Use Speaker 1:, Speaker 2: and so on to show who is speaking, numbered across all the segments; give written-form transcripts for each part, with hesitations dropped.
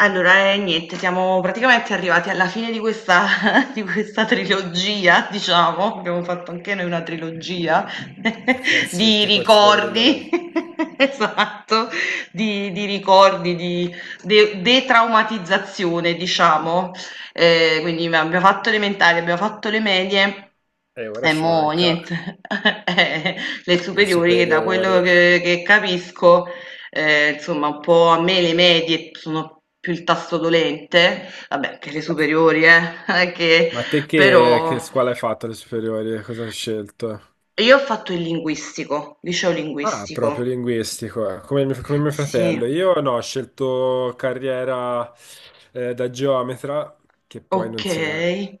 Speaker 1: Allora, niente, siamo praticamente arrivati alla fine di questa, di questa trilogia, diciamo, abbiamo fatto anche noi una trilogia
Speaker 2: Eh sì,
Speaker 1: di
Speaker 2: tipo il Signore degli
Speaker 1: ricordi,
Speaker 2: Anelli.
Speaker 1: esatto, di ricordi, di detraumatizzazione, diciamo. Quindi abbiamo fatto elementari, abbiamo fatto le medie.
Speaker 2: E ora
Speaker 1: E
Speaker 2: ci
Speaker 1: mo'
Speaker 2: manca
Speaker 1: niente, Eh, le
Speaker 2: le
Speaker 1: superiori che da quello
Speaker 2: superiori.
Speaker 1: che capisco. Insomma un po' a me le medie sono più il tasto dolente, vabbè anche le superiori non è che
Speaker 2: Ma te che
Speaker 1: però
Speaker 2: scuola hai fatto alle superiori? Cosa hai scelto?
Speaker 1: io ho fatto il linguistico, liceo
Speaker 2: Ah, proprio
Speaker 1: linguistico.
Speaker 2: linguistico, eh. Come mio
Speaker 1: Sì,
Speaker 2: fratello. Io no, ho scelto carriera da geometra, che poi non si è
Speaker 1: okay.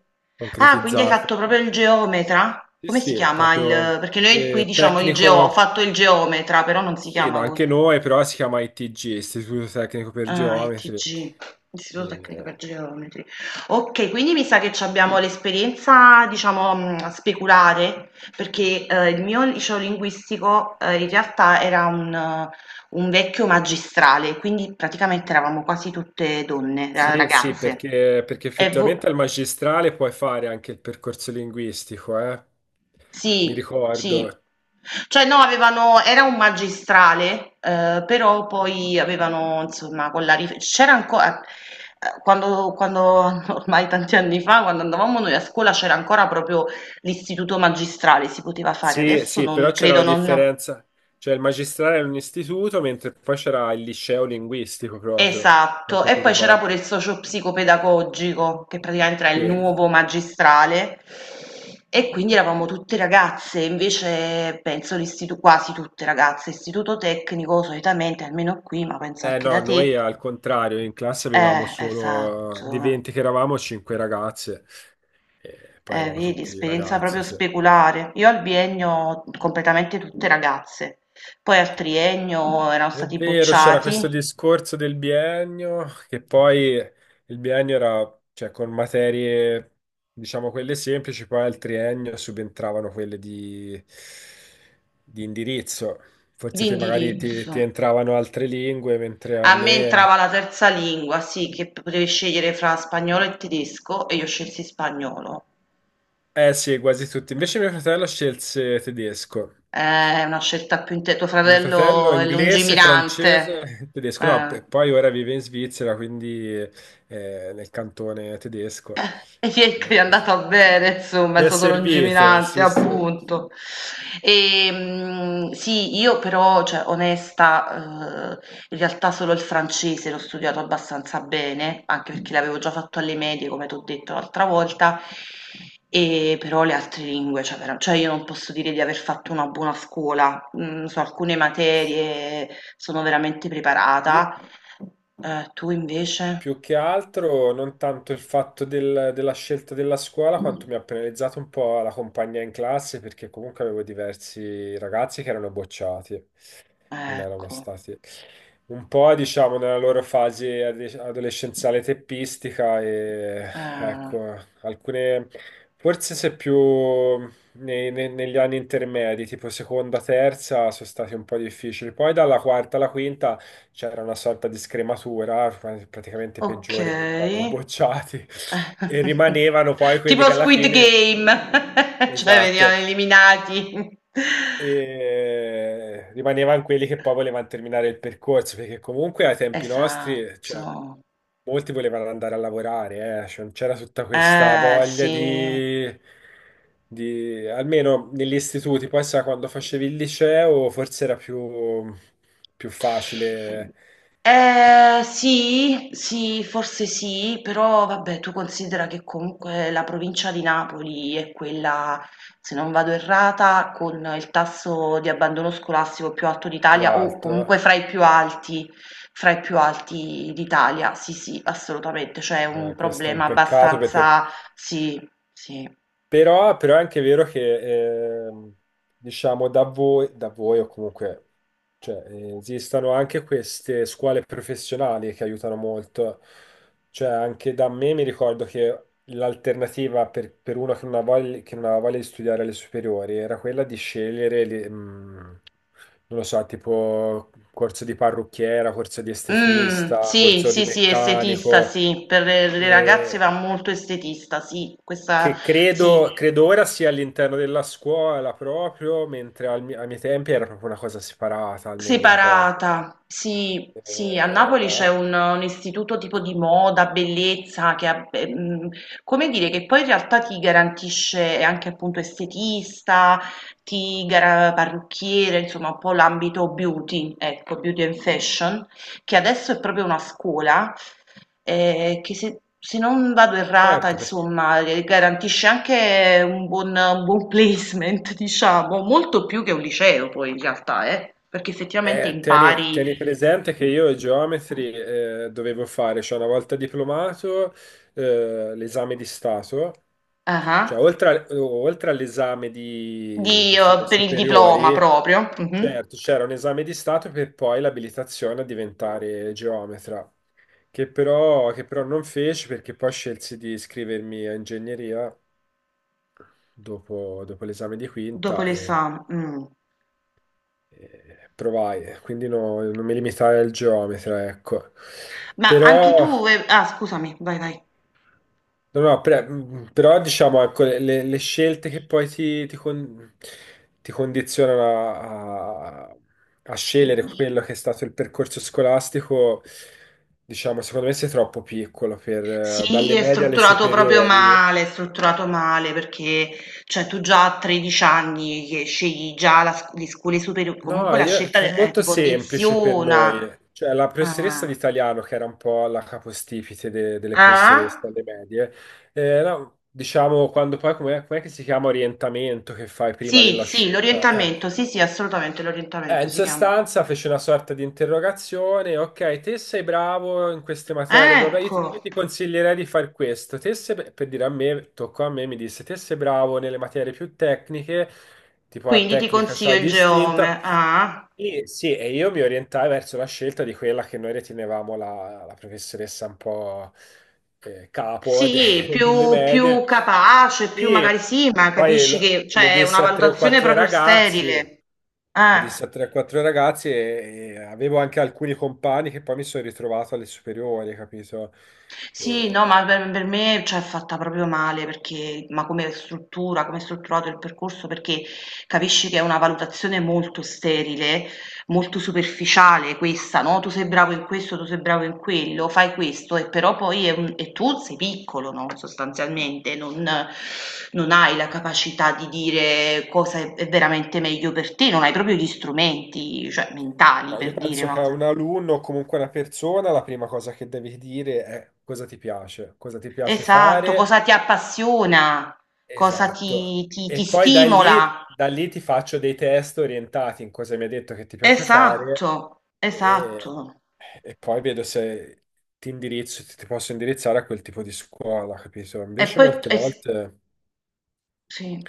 Speaker 1: Ah, quindi hai
Speaker 2: concretizzata.
Speaker 1: fatto proprio il geometra?
Speaker 2: Sì,
Speaker 1: Come si
Speaker 2: sì, è
Speaker 1: chiama il
Speaker 2: proprio
Speaker 1: perché noi qui diciamo il geo ho
Speaker 2: tecnico.
Speaker 1: fatto il geometra, però non si
Speaker 2: Sì, no,
Speaker 1: chiama
Speaker 2: anche
Speaker 1: così.
Speaker 2: noi, però si chiama ITG, Istituto Tecnico per
Speaker 1: Ah,
Speaker 2: Geometri.
Speaker 1: ITG, Istituto Tecnico per
Speaker 2: Eh,
Speaker 1: Geometri. Ok, quindi mi sa che ci abbiamo l'esperienza, diciamo, speculare, perché il mio liceo linguistico in realtà era un vecchio magistrale, quindi praticamente eravamo quasi tutte donne,
Speaker 2: Sì, sì,
Speaker 1: ragazze.
Speaker 2: perché
Speaker 1: E
Speaker 2: effettivamente
Speaker 1: vo-
Speaker 2: al magistrale puoi fare anche il percorso linguistico, eh? Mi
Speaker 1: sì, sì.
Speaker 2: ricordo.
Speaker 1: Cioè no, avevano era un magistrale, però poi avevano, insomma, con la rif- c'era ancora, ormai tanti anni fa, quando andavamo noi a scuola, c'era ancora proprio l'istituto magistrale, si poteva fare,
Speaker 2: Sì,
Speaker 1: adesso
Speaker 2: sì, però
Speaker 1: non
Speaker 2: c'era
Speaker 1: credo,
Speaker 2: la
Speaker 1: non.
Speaker 2: differenza, cioè il magistrale era un istituto, mentre poi c'era il liceo linguistico proprio,
Speaker 1: Esatto,
Speaker 2: quanto
Speaker 1: e
Speaker 2: ti
Speaker 1: poi c'era
Speaker 2: ricordi?
Speaker 1: pure il socio-psicopedagogico, che praticamente era
Speaker 2: Sì.
Speaker 1: il nuovo magistrale, e quindi eravamo tutte ragazze, invece penso quasi tutte ragazze, istituto tecnico solitamente, almeno qui, ma penso
Speaker 2: Eh
Speaker 1: anche da
Speaker 2: no,
Speaker 1: te,
Speaker 2: noi al contrario, in classe avevamo solo, di
Speaker 1: esatto,
Speaker 2: 20 che eravamo, 5 ragazze, e poi eravamo
Speaker 1: vedi,
Speaker 2: tutti
Speaker 1: esperienza
Speaker 2: ragazzi,
Speaker 1: proprio
Speaker 2: sì.
Speaker 1: speculare. Io al biennio completamente tutte ragazze, poi al triennio erano
Speaker 2: È
Speaker 1: stati
Speaker 2: vero, c'era questo
Speaker 1: bocciati
Speaker 2: discorso del biennio, che poi il biennio era, cioè, con materie, diciamo, quelle semplici, poi al triennio subentravano quelle di indirizzo.
Speaker 1: di
Speaker 2: Forse te magari ti,
Speaker 1: indirizzo.
Speaker 2: ti entravano altre lingue, mentre a
Speaker 1: A me
Speaker 2: me.
Speaker 1: entrava la terza lingua, sì, che potevi scegliere fra spagnolo e tedesco e io scelsi spagnolo.
Speaker 2: Eh sì, quasi tutti. Invece mio fratello scelse tedesco.
Speaker 1: È una scelta più inte tuo
Speaker 2: Mio fratello è
Speaker 1: fratello è
Speaker 2: inglese,
Speaker 1: lungimirante.
Speaker 2: francese, tedesco, no,
Speaker 1: Eh.
Speaker 2: e poi ora vive in Svizzera, quindi nel cantone tedesco.
Speaker 1: E niente,
Speaker 2: Eh,
Speaker 1: è
Speaker 2: gli è
Speaker 1: andata bene, insomma,
Speaker 2: gli
Speaker 1: è
Speaker 2: è
Speaker 1: stato
Speaker 2: servito,
Speaker 1: lungimirante,
Speaker 2: sì, sì.
Speaker 1: appunto. Sì, io però, cioè, onesta, in realtà solo il francese l'ho studiato abbastanza bene, anche perché l'avevo già fatto alle medie, come ti ho detto l'altra volta, e però le altre lingue, cioè, vera- cioè, io non posso dire di aver fatto una buona scuola. Mm, su alcune materie sono veramente
Speaker 2: Io
Speaker 1: preparata. Tu invece?
Speaker 2: Più che altro non tanto il fatto della scelta della scuola, quanto mi ha penalizzato un po' la compagnia in classe, perché comunque avevo diversi ragazzi che erano bocciati, non erano
Speaker 1: Ecco.
Speaker 2: stati un po', diciamo, nella loro fase adolescenziale teppistica e
Speaker 1: Eh.
Speaker 2: ecco, alcune, forse se più negli anni intermedi, tipo seconda, terza, sono stati un po' difficili. Poi dalla quarta alla quinta c'era una sorta di scrematura, praticamente i peggiori venivano
Speaker 1: Okay.
Speaker 2: bocciati e rimanevano poi quelli
Speaker 1: Tipo
Speaker 2: che alla
Speaker 1: Squid
Speaker 2: fine,
Speaker 1: Game, cioè venivano
Speaker 2: esatto,
Speaker 1: eliminati.
Speaker 2: e rimanevano quelli che poi volevano terminare il percorso, perché comunque ai tempi nostri, cioè,
Speaker 1: Esatto.
Speaker 2: molti volevano andare a lavorare, cioè, non c'era tutta questa
Speaker 1: Sì.
Speaker 2: voglia di. Almeno negli istituti, poi sai, quando facevi il liceo forse era più facile che
Speaker 1: Sì, sì, forse sì, però vabbè, tu considera che comunque la provincia di Napoli è quella, se non vado errata, con il tasso di abbandono scolastico più alto
Speaker 2: più
Speaker 1: d'Italia o comunque
Speaker 2: alto.
Speaker 1: fra i più alti, fra i più alti d'Italia. Sì, sì, assolutamente, cioè è un
Speaker 2: Questo è un
Speaker 1: problema
Speaker 2: peccato perché
Speaker 1: abbastanza, sì, sì.
Speaker 2: però è anche vero che diciamo da voi o comunque cioè, esistono anche queste scuole professionali che aiutano molto. Cioè, anche da me mi ricordo che l'alternativa per uno che non ha voglia, che non aveva voglia di studiare alle superiori era quella di scegliere, non lo so, tipo corso di parrucchiera, corso di estetista,
Speaker 1: Sì,
Speaker 2: corso di
Speaker 1: sì, sì, estetista,
Speaker 2: meccanico.
Speaker 1: sì, per le ragazze
Speaker 2: Eh,
Speaker 1: va molto estetista, sì, questa
Speaker 2: che
Speaker 1: sì,
Speaker 2: credo, credo ora sia all'interno della scuola proprio, mentre ai miei tempi era proprio una cosa separata, almeno mi ricordo.
Speaker 1: separata. Sì, sì, a Napoli c'è
Speaker 2: Eh,
Speaker 1: un istituto tipo di moda, bellezza, che ha, beh, mhmm, come dire, che poi in realtà ti garantisce anche appunto estetista, ti gara parrucchiere, insomma un po' l'ambito beauty, ecco, beauty and fashion, che adesso è proprio una scuola. Che se se non vado errata
Speaker 2: certo, perché
Speaker 1: insomma, garantisce anche un buon placement diciamo, molto più che un liceo poi in realtà perché effettivamente
Speaker 2: tieni,
Speaker 1: impari
Speaker 2: tieni presente che io geometri dovevo fare, cioè una volta diplomato, l'esame di Stato.
Speaker 1: ah-ah,
Speaker 2: Cioè, oltre all'esame di,
Speaker 1: di
Speaker 2: di fine
Speaker 1: per il diploma
Speaker 2: superiori,
Speaker 1: proprio, mh-mh,
Speaker 2: certo, c'era un esame di Stato per poi l'abilitazione a diventare geometra. Che però non feci perché poi scelsi di iscrivermi a ingegneria dopo l'esame di
Speaker 1: dopo
Speaker 2: quinta e,
Speaker 1: l'esame.
Speaker 2: e provai, quindi non mi limitai al geometra, ecco.
Speaker 1: Ma anche
Speaker 2: Però,
Speaker 1: tu ve ah scusami, vai.
Speaker 2: no, no, però diciamo, ecco, le scelte che poi ti condizionano a scegliere quello che è stato il percorso scolastico, diciamo, secondo me sei troppo piccolo per,
Speaker 1: Sì,
Speaker 2: dalle
Speaker 1: è
Speaker 2: medie alle
Speaker 1: strutturato proprio
Speaker 2: superiori.
Speaker 1: male, è strutturato male perché cioè, tu già a 13 anni che scegli già la le scuole superiori,
Speaker 2: No,
Speaker 1: comunque la scelta
Speaker 2: fu
Speaker 1: ti
Speaker 2: molto semplice per
Speaker 1: condiziona.
Speaker 2: noi, cioè la professoressa di
Speaker 1: Ah.
Speaker 2: italiano, che era un po' la capostipite delle
Speaker 1: Ah?
Speaker 2: professoresse alle medie, no, diciamo quando poi, com'è che si chiama orientamento che fai prima
Speaker 1: Sì,
Speaker 2: della
Speaker 1: sì,
Speaker 2: scelta?
Speaker 1: l'orientamento,
Speaker 2: Eh,
Speaker 1: sì, sì, assolutamente
Speaker 2: eh,
Speaker 1: l'orientamento
Speaker 2: in
Speaker 1: si chiama.
Speaker 2: sostanza fece una sorta di interrogazione, ok, te sei bravo in queste materie, bla bla, io ti, io
Speaker 1: Ecco,
Speaker 2: ti consiglierei di fare questo, per dire a me, toccò a me, mi disse, te sei bravo nelle materie più tecniche, tipo la
Speaker 1: quindi ti
Speaker 2: tecnica
Speaker 1: consiglio
Speaker 2: c'hai
Speaker 1: il
Speaker 2: distinta,
Speaker 1: Geome. Ah?
Speaker 2: e, sì, e io mi orientai verso la scelta di quella che noi ritenevamo la professoressa un po' capo
Speaker 1: Sì,
Speaker 2: delle
Speaker 1: più, più
Speaker 2: medie,
Speaker 1: capace, più magari
Speaker 2: e
Speaker 1: sì, ma
Speaker 2: poi
Speaker 1: capisci
Speaker 2: lo,
Speaker 1: che
Speaker 2: lo
Speaker 1: cioè, è una
Speaker 2: disse a tre o
Speaker 1: valutazione
Speaker 2: quattro
Speaker 1: proprio
Speaker 2: ragazzi,
Speaker 1: sterile. Eh.
Speaker 2: disse a 4 ragazzi e avevo anche alcuni compagni che poi mi sono ritrovato alle superiori, capito?
Speaker 1: Sì, no,
Speaker 2: E-
Speaker 1: ma per me, cioè, è fatta proprio male perché ma come struttura, come è strutturato il percorso, perché capisci che è una valutazione molto sterile, molto superficiale questa, no? Tu sei bravo in questo, tu sei bravo in quello, fai questo, e però poi è un- e tu sei piccolo, no? Sostanzialmente, non, non hai la capacità di dire cosa è veramente meglio per te, non hai proprio gli strumenti, cioè, mentali
Speaker 2: ma io
Speaker 1: per dire
Speaker 2: penso
Speaker 1: una
Speaker 2: che a
Speaker 1: cosa.
Speaker 2: un alunno o comunque a una persona la prima cosa che devi dire è cosa ti piace
Speaker 1: Esatto,
Speaker 2: fare,
Speaker 1: cosa ti appassiona, cosa
Speaker 2: esatto.
Speaker 1: ti
Speaker 2: E poi da lì,
Speaker 1: stimola.
Speaker 2: da lì ti faccio dei test orientati in cosa mi hai detto che ti piace fare
Speaker 1: Esatto,
Speaker 2: e,
Speaker 1: esatto.
Speaker 2: e poi vedo se ti indirizzo, ti ti posso indirizzare a quel tipo di scuola, capito?
Speaker 1: E
Speaker 2: Invece
Speaker 1: poi,
Speaker 2: molte
Speaker 1: es-
Speaker 2: volte.
Speaker 1: sì.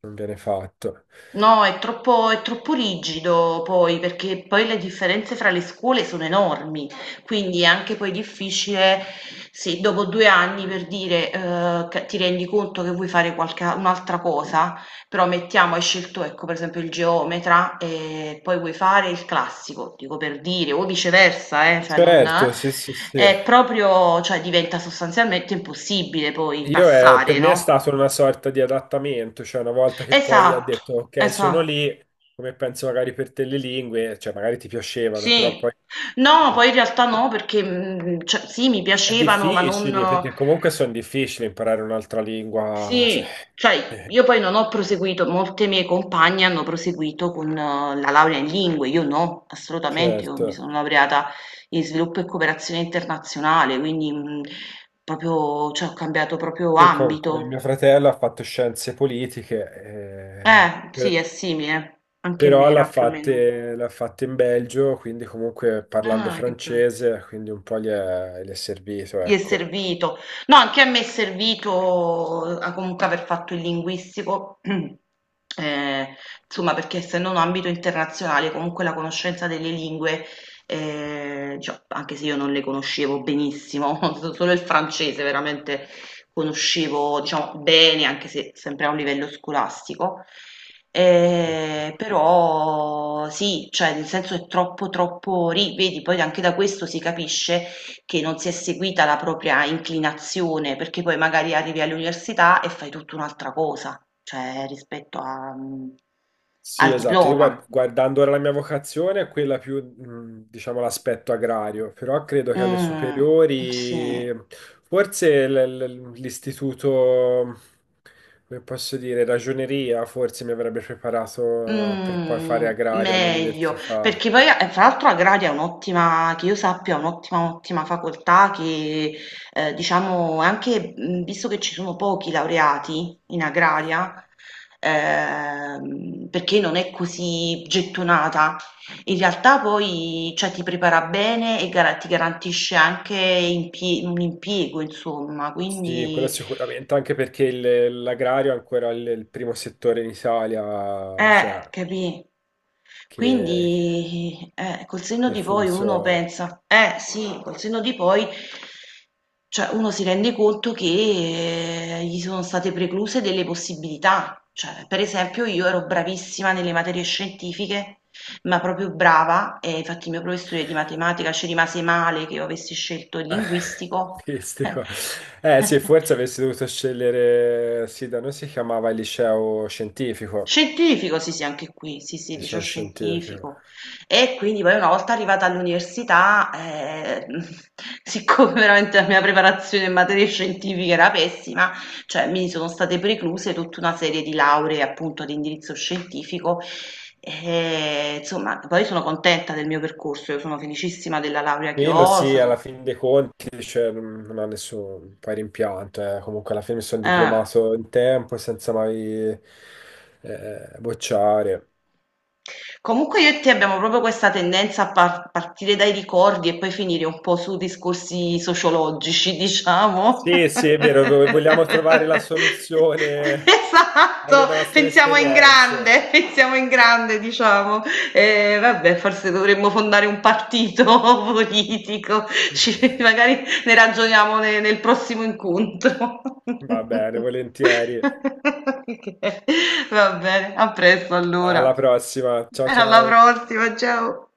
Speaker 2: Non viene fatto.
Speaker 1: No, è troppo rigido poi, perché poi le differenze fra le scuole sono enormi, quindi è anche poi difficile se dopo due anni per dire che ti rendi conto che vuoi fare qualche, un'altra cosa, però mettiamo, hai scelto ecco per esempio il geometra e poi vuoi fare il classico, dico per dire, o viceversa, cioè non,
Speaker 2: Certo, sì, sì, sì.
Speaker 1: è proprio, cioè diventa sostanzialmente impossibile poi
Speaker 2: Io è-
Speaker 1: passare,
Speaker 2: per me è
Speaker 1: no?
Speaker 2: stato una sorta di adattamento, cioè una volta che poi ho
Speaker 1: Esatto,
Speaker 2: detto ok, sono
Speaker 1: esatto.
Speaker 2: lì, come penso magari per te le lingue, cioè magari ti piacevano, però
Speaker 1: Sì.
Speaker 2: poi
Speaker 1: No, poi in realtà no, perché, mhmm, cioè sì, mi
Speaker 2: è
Speaker 1: piacevano, ma non
Speaker 2: difficile, perché comunque sono difficili imparare un'altra lingua, cioè,
Speaker 1: sì, cioè
Speaker 2: eh,
Speaker 1: io poi non ho proseguito, molte mie compagne hanno proseguito con la laurea in lingue, io no, assolutamente, io mi sono
Speaker 2: certo.
Speaker 1: laureata in sviluppo e cooperazione internazionale, quindi, mhmm, proprio cioè ho cambiato proprio
Speaker 2: Sì, come mio
Speaker 1: ambito.
Speaker 2: fratello ha fatto scienze politiche,
Speaker 1: Sì, è simile, anche a me
Speaker 2: però l'ha
Speaker 1: era più o meno.
Speaker 2: fatte, l'ha fatte in Belgio, quindi comunque parlando
Speaker 1: Ah, che be
Speaker 2: francese, quindi un po' gli è servito,
Speaker 1: gli è
Speaker 2: ecco.
Speaker 1: servito. No, anche a me è servito comunque aver fatto il linguistico, insomma, perché essendo un ambito internazionale, comunque la conoscenza delle lingue, cioè, anche se io non le conoscevo benissimo, solo il francese veramente conoscevo, diciamo, bene, anche se sempre a un livello scolastico.
Speaker 2: Ok.
Speaker 1: Però sì, cioè nel senso è troppo, ri- vedi, poi anche da questo si capisce che non si è seguita la propria inclinazione, perché poi magari arrivi all'università e fai tutta un'altra cosa, cioè rispetto a, mhmm,
Speaker 2: Sì,
Speaker 1: al
Speaker 2: esatto. Io
Speaker 1: diploma.
Speaker 2: guardando ora la mia vocazione è quella più, diciamo, l'aspetto agrario, però credo che alle
Speaker 1: Mh, sì.
Speaker 2: superiori, forse l'istituto, come posso dire, ragioneria, forse mi avrebbe preparato per poi fare
Speaker 1: Mhmm,
Speaker 2: agraria
Speaker 1: meglio,
Speaker 2: all'università.
Speaker 1: perché poi a e fra l'altro agraria è un'ottima che io sappia è un'ottima, ottima facoltà che, diciamo anche, mhmm, visto che ci sono pochi laureati in agraria, perché non è così gettonata, in realtà poi, cioè ti prepara bene e gara ti garantisce anche impie un impiego insomma,
Speaker 2: Sì, quello
Speaker 1: quindi
Speaker 2: sicuramente, anche perché l'agrario è ancora il primo settore in Italia,
Speaker 1: eh,
Speaker 2: cioè,
Speaker 1: capì?
Speaker 2: che,
Speaker 1: Quindi, col senno
Speaker 2: che
Speaker 1: di poi uno
Speaker 2: funziona.
Speaker 1: pensa, eh sì, col senno di poi, cioè uno si rende conto che gli sono state precluse delle possibilità. Cioè, per esempio, io ero bravissima nelle materie scientifiche, ma proprio brava, e infatti il mio professore di matematica ci rimase male che io avessi scelto il linguistico.
Speaker 2: Queste qua. Eh sì, forse avessi dovuto scegliere, sì, da noi si chiamava il liceo scientifico,
Speaker 1: Scientifico, sì, sì, anche qui, sì, sì, liceo
Speaker 2: liceo scientifico.
Speaker 1: scientifico. E quindi poi una volta arrivata all'università, siccome veramente la mia preparazione in materie scientifiche era pessima, cioè mi sono state precluse tutta una serie di lauree appunto di indirizzo scientifico. E, insomma, poi sono contenta del mio percorso, io sono felicissima della laurea che
Speaker 2: Quello
Speaker 1: ho. È
Speaker 2: sì, alla
Speaker 1: stato-
Speaker 2: fine dei conti, cioè, non ho nessun poi rimpianto, eh. Comunque alla fine mi sono
Speaker 1: eh.
Speaker 2: diplomato in tempo senza mai bocciare.
Speaker 1: Comunque io e te abbiamo proprio questa tendenza a par- partire dai ricordi e poi finire un po' su discorsi sociologici, diciamo.
Speaker 2: Sì, sì, è vero, vogliamo trovare la soluzione alle
Speaker 1: Esatto,
Speaker 2: nostre
Speaker 1: pensiamo in
Speaker 2: esperienze.
Speaker 1: grande, pensiamo in grande, diciamo. Vabbè, forse dovremmo fondare un partito politico. Ci- magari ne ragioniamo ne- nel prossimo incontro.
Speaker 2: Va bene, volentieri.
Speaker 1: Ok, va bene, a presto
Speaker 2: Alla
Speaker 1: allora.
Speaker 2: prossima. Ciao
Speaker 1: Alla
Speaker 2: ciao.
Speaker 1: prossima, ciao!